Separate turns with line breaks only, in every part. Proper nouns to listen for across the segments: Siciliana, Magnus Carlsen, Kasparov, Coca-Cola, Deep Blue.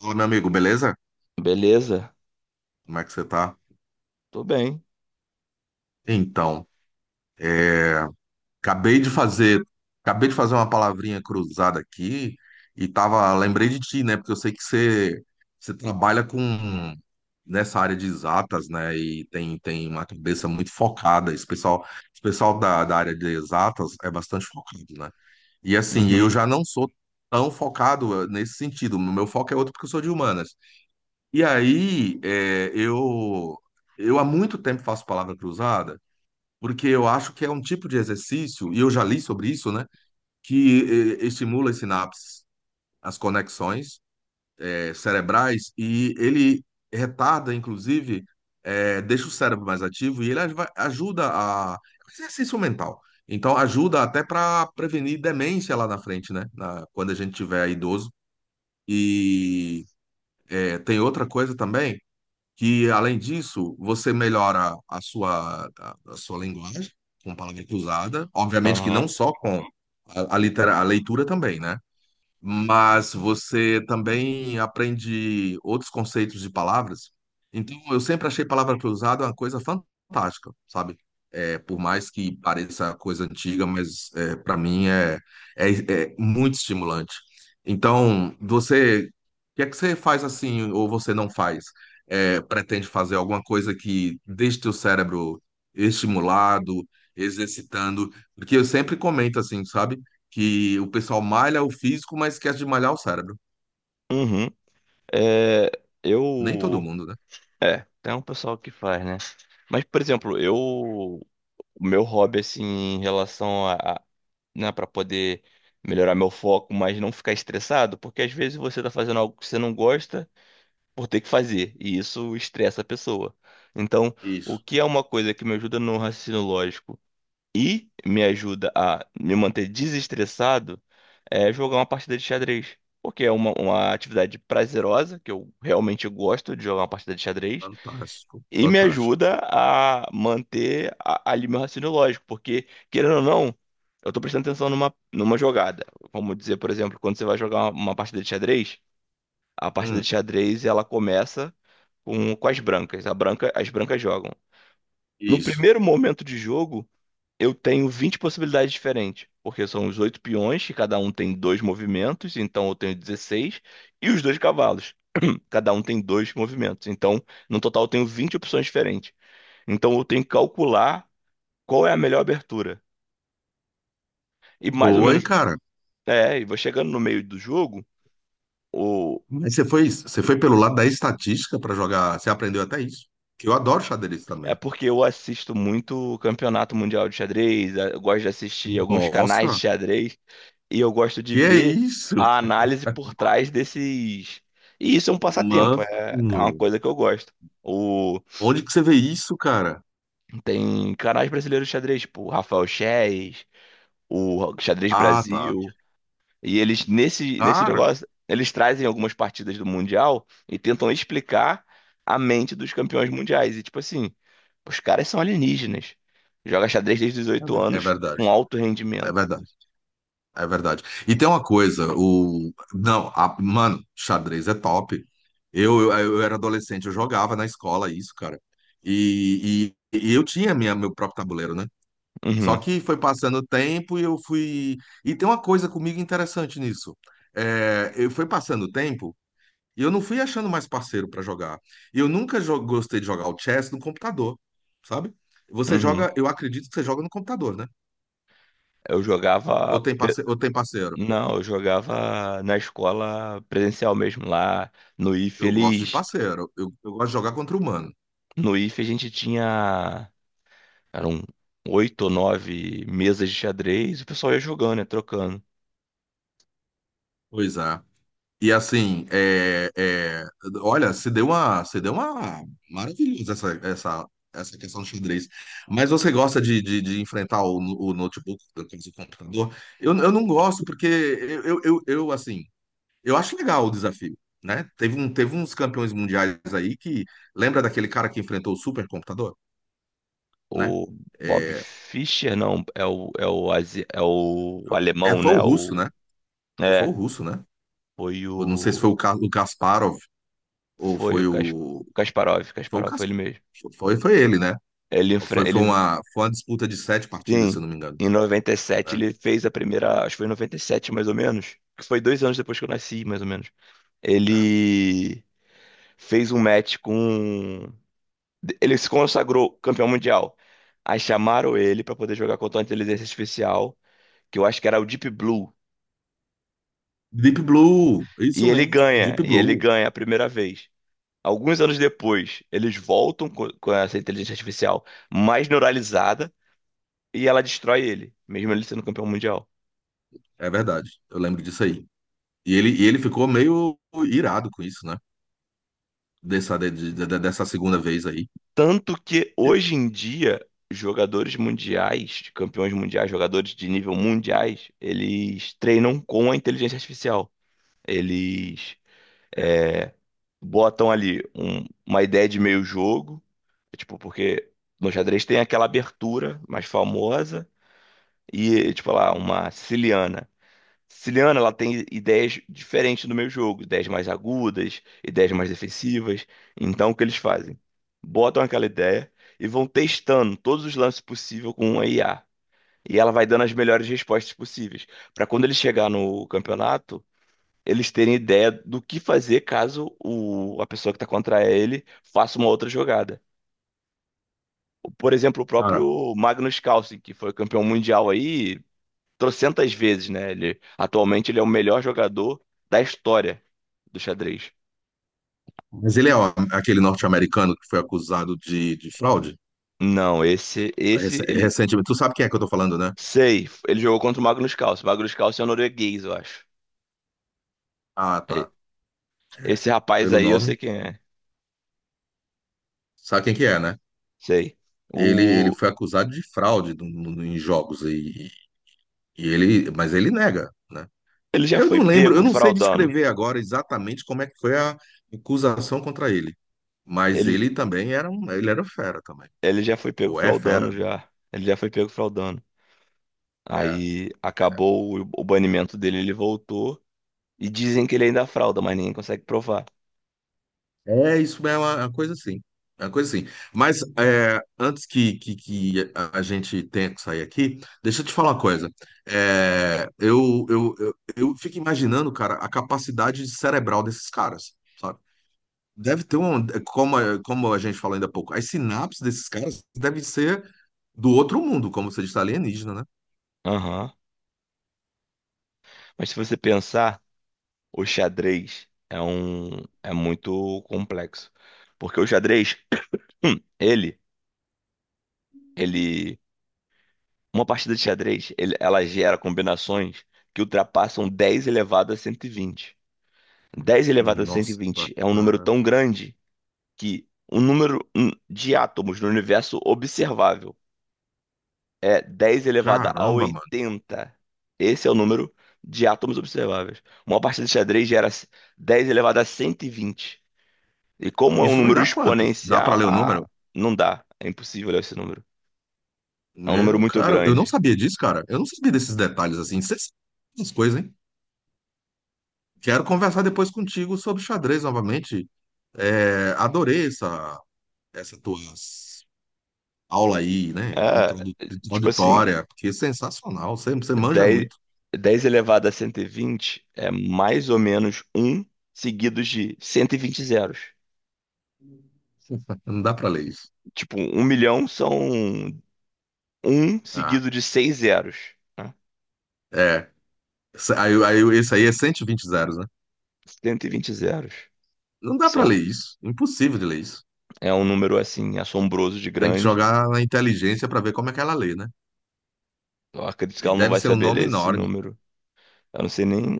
Ô, meu amigo, beleza?
Beleza?
Como é que você tá?
Tô bem.
Então, acabei de fazer, acabei de fazer uma palavrinha cruzada aqui e tava, lembrei de ti, né? Porque eu sei que você trabalha com nessa área de exatas, né? E tem, tem uma cabeça muito focada. Esse pessoal da área de exatas é bastante focado, né? E assim, eu
Uhum.
já não sou tão focado nesse sentido. O meu foco é outro porque eu sou de humanas. E aí, eu há muito tempo faço palavra cruzada. Porque eu acho que é um tipo de exercício, e eu já li sobre isso, né, que estimula as sinapses, as conexões cerebrais, e ele retarda, inclusive, deixa o cérebro mais ativo e ele ajuda a. É um Exercício mental. Então, ajuda até para prevenir demência lá na frente, né, quando a gente tiver idoso. E tem outra coisa também que, além disso, você melhora a a sua linguagem com palavra cruzada, obviamente que
Aham.
não só com a leitura também, né? Mas você também aprende outros conceitos de palavras. Então, eu sempre achei palavra cruzada uma coisa fantástica, sabe? É, por mais que pareça coisa antiga, mas é, para mim é, é, é muito estimulante. Então, o que é que você faz assim, ou você não faz? É, pretende fazer alguma coisa que deixe teu cérebro estimulado, exercitando? Porque eu sempre comento assim, sabe? Que o pessoal malha o físico, mas esquece de malhar o cérebro.
Uhum. É,
Nem todo
eu.
mundo, né?
É, tem um pessoal que faz, né? Mas, por exemplo, eu. O meu hobby, assim, em relação a. Né, pra poder melhorar meu foco, mas não ficar estressado, porque às vezes você tá fazendo algo que você não gosta por ter que fazer, e isso estressa a pessoa. Então, o
Isso.
que é uma coisa que me ajuda no raciocínio lógico? E me ajuda a me manter desestressado é jogar uma partida de xadrez. Porque é uma atividade prazerosa, que eu realmente gosto de jogar uma partida de xadrez,
Fantástico,
e me
fantástico.
ajuda a manter ali meu raciocínio lógico, porque, querendo ou não, eu tô prestando atenção numa jogada. Vamos dizer, por exemplo, quando você vai jogar uma partida de xadrez, a partida de
Hum,
xadrez ela começa com as brancas. As brancas jogam. No
isso.
primeiro momento de jogo, eu tenho 20 possibilidades diferentes, porque são os oito peões, que cada um tem dois movimentos, então eu tenho 16, e os dois cavalos, cada um tem dois movimentos. Então, no total, eu tenho 20 opções diferentes. Então, eu tenho que calcular qual é a melhor abertura. E mais ou
Boa, hein,
menos,
cara?
é, e vou chegando no meio do jogo, o...
Mas você foi pelo lado da estatística para jogar, você aprendeu até isso. Que eu adoro xadrez
é
também.
porque eu assisto muito Campeonato Mundial de Xadrez, eu gosto de assistir alguns canais de
Nossa,
xadrez, e eu gosto de
que é
ver
isso?
a análise por trás desses. E isso é um passatempo, é, é uma
Mano,
coisa que eu gosto. O,
onde que você vê isso, cara?
tem canais brasileiros de xadrez, tipo o Rafael Chess, o Xadrez
Ah, tá.
Brasil, e eles nesse
Cara,
negócio, eles trazem algumas partidas do Mundial e tentam explicar a mente dos campeões mundiais. E tipo assim, os caras são alienígenas. Joga xadrez desde os 18
é
anos
verdade,
com alto
é
rendimento.
verdade. É verdade. E tem uma coisa, o. Não, mano, xadrez é top. Eu era adolescente, eu jogava na escola isso, cara. E, e eu tinha meu próprio tabuleiro, né? Só
Uhum,
que foi passando o tempo e eu fui. E tem uma coisa comigo interessante nisso. É, eu fui passando o tempo e eu não fui achando mais parceiro pra jogar. E eu nunca gostei de jogar o chess no computador, sabe? Você
uhum.
joga, eu acredito que você joga no computador, né?
Eu
Ou
jogava.
tem parceiro, ou tem parceiro.
Não, eu jogava na escola presencial mesmo, lá no IF,
Eu gosto de
eles,
parceiro. Eu gosto de jogar contra o humano.
no IF a gente tinha, eram oito ou nove mesas de xadrez, e o pessoal ia jogando, né, trocando.
Pois é. E assim, olha, se deu uma maravilhosa essa questão do xadrez. Mas você gosta de enfrentar o notebook, quer dizer, o computador? Eu não gosto porque assim, eu acho legal o desafio, né? Teve um, teve uns campeões mundiais aí que lembra daquele cara que enfrentou o supercomputador, né?
O Bob
É,
Fischer, não, é o, é o
é,
alemão,
foi o
né,
russo,
o,
né? Foi o
é,
russo, né?
foi
Eu não sei se foi
o,
o Kasparov ou
foi o
foi
Kasparov,
foi o
Kasparov foi
Cas-
ele mesmo.
foi, foi ele, né?
Ele, enfre- ele,
Foi uma disputa de sete partidas, se eu
sim,
não me engano,
em 97
né?
ele fez a primeira, acho que foi em 97 mais ou menos, que foi 2 anos depois que eu nasci, mais ou menos.
É.
Ele fez um match com. Ele se consagrou campeão mundial. Aí chamaram ele pra poder jogar contra uma inteligência artificial, que eu acho que era o Deep Blue.
Deep Blue, isso mesmo, Deep
E ele
Blue,
ganha a primeira vez. Alguns anos depois, eles voltam com essa inteligência artificial mais neuralizada e ela destrói ele, mesmo ele sendo campeão mundial.
é verdade. Eu lembro disso aí. E ele ficou meio irado com isso, né? Dessa dessa segunda vez aí.
Tanto que
Eu-
hoje em dia, jogadores mundiais, campeões mundiais, jogadores de nível mundiais, eles treinam com a inteligência artificial. Eles é, botam ali uma ideia de meio jogo, tipo, porque no xadrez tem aquela abertura mais famosa e, tipo, lá, uma siciliana. Siciliana, ela tem ideias diferentes do meio jogo, ideias mais agudas, ideias mais defensivas. Então, o que eles fazem? Botam aquela ideia e vão testando todos os lances possíveis com uma I a IA. E ela vai dando as melhores respostas possíveis. Para quando ele chegar no campeonato, eles terem ideia do que fazer caso a pessoa que está contra ele faça uma outra jogada. Por exemplo, o
Cara,
próprio Magnus Carlsen, que foi campeão mundial aí trocentas vezes, né? Ele, atualmente ele é o melhor jogador da história do xadrez.
mas ele é ó, aquele norte-americano que foi acusado de fraude
Não, esse, esse, ele,
recentemente. Tu sabe quem é que eu tô falando, né?
sei, ele jogou contra o Magnus Carlsen. O Magnus Carlsen é um norueguês, eu acho.
Ah,
E-
tá.
Esse rapaz
Pelo
aí, eu
nome.
sei quem é,
Sabe quem que é, né?
sei.
Ele
O,
foi acusado de fraude em jogos aí. E ele, mas ele nega, né?
ele já
Eu
foi
não lembro, eu
pego
não sei
fraudando.
descrever agora exatamente como é que foi a acusação contra ele, mas
Ele,
ele também era um, ele era fera também,
Ele já foi pego
ou é fera,
fraudando
né?
já. Ele já foi pego fraudando.
É.
Aí acabou o banimento dele, ele voltou. E dizem que ele ainda frauda, mas ninguém consegue provar.
É, isso é uma coisa assim, é uma coisa assim. Mas é, antes que a gente tenha que sair aqui, deixa eu te falar uma coisa. É, eu fico imaginando, cara, a capacidade cerebral desses caras, sabe? Deve ter um, como, como a gente falou ainda há pouco, as sinapses desses caras devem ser do outro mundo, como você disse, alienígena, né?
Aham. Mas se você pensar, o xadrez é um é muito complexo. Porque o xadrez, ele ele uma partida de xadrez, ela gera combinações que ultrapassam 10 elevado a 120. 10 elevado a
Nossa,
120 é um número
cara.
tão grande que o número de átomos no universo observável é 10 elevado a
Caramba, mano.
80. Esse é o número de átomos observáveis. Uma partida de xadrez gera 10 elevado a 120. E vinte. E como é um
Isso vai
número
dar quanto? Dá pra
exponencial,
ler o número?
ah, não dá. É impossível olhar esse número. É um número
Meu,
muito
cara, eu não
grande.
sabia disso, cara. Eu não sabia desses detalhes assim. Cê sabe essas coisas, hein? Quero conversar depois contigo sobre xadrez novamente. É, adorei essa tua aula aí, né?
É, tipo assim,
Introdutória, porque é sensacional. Você manja
10
muito.
10 elevado a 120 é mais ou menos um seguidos de 120 zeros.
Não dá pra ler isso.
Tipo, um milhão são um
Ah,
seguido de 6 zeros, né?
é. Essa- esse aí é 120 zeros, né?
120 zeros.
Não dá pra
São,
ler isso. Impossível de ler isso.
é um número, assim, assombroso de
Tem que
grande.
jogar na inteligência pra ver como é que ela lê, né?
Eu acredito que
E
ela não
deve
vai
ser um
saber
nome
ler esse
enorme.
número. Eu não sei nem...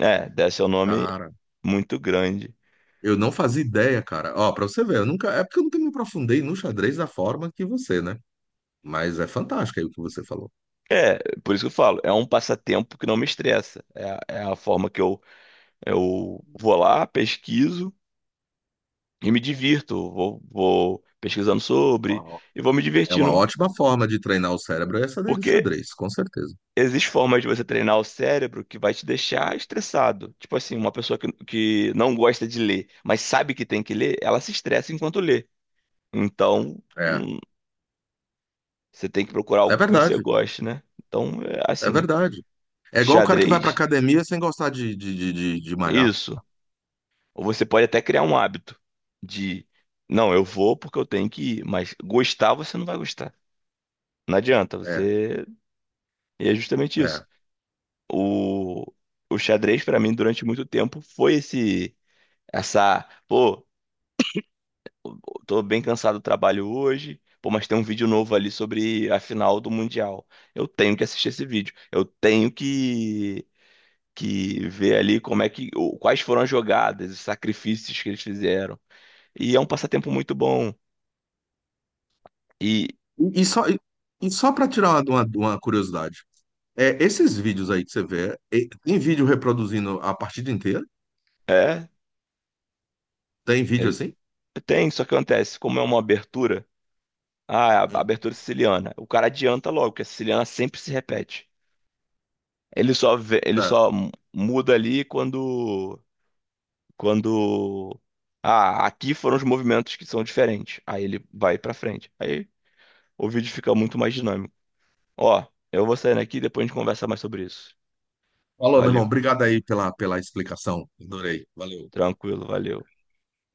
É, deve ser um nome
Cara,
muito grande.
eu não fazia ideia, cara. Ó, pra você ver, eu nunca. É porque eu nunca me aprofundei no xadrez da forma que você, né? Mas é fantástico aí o que você falou.
É, por isso que eu falo, é um passatempo que não me estressa. É, a é a forma que eu vou lá, pesquiso, e me divirto, vou, vou pesquisando sobre
Ó,
e vou me
é uma
divertindo.
ótima forma de treinar o cérebro, é essa daí do
Porque
xadrez, com certeza.
existe formas de você treinar o cérebro que vai te deixar estressado. Tipo assim, uma pessoa que não gosta de ler, mas sabe que tem que ler, ela se estressa enquanto lê. Então,
É.
você tem que procurar
É
algo que você
verdade.
goste, né? Então, é
É
assim,
verdade. É igual o cara que vai pra
xadrez,
academia sem gostar de malhar.
isso. Ou você pode até criar um hábito de, não, eu vou porque eu tenho que ir, mas gostar você não vai gostar. Não adianta,
É.
você. E é justamente isso.
É.
O, o xadrez, pra mim, durante muito tempo, foi esse, essa, pô, tô bem cansado do trabalho hoje, pô, mas tem um vídeo novo ali sobre a final do Mundial. Eu tenho que assistir esse vídeo. Eu tenho que ver ali como é que, o- quais foram as jogadas, os sacrifícios que eles fizeram. E é um passatempo muito bom. E
E e só, e e só para tirar uma, de uma curiosidade, é, esses vídeos aí que você vê, é, tem vídeo reproduzindo a partida inteira?
é,
Tem vídeo
ele-
assim?
tem, só que acontece, como é uma abertura, ah, a
Hum,
abertura siciliana, o cara adianta logo, porque a siciliana sempre se repete. Ele só vê- ele
Certo.
só muda ali quando quando ah, aqui foram os movimentos que são diferentes. Aí ele vai pra frente. Aí o vídeo fica muito mais dinâmico. Ó, eu vou saindo aqui, depois a gente conversa mais sobre isso.
Falou, meu
Valeu.
irmão. Obrigado aí pela, pela explicação. Adorei. Valeu.
Tranquilo, valeu.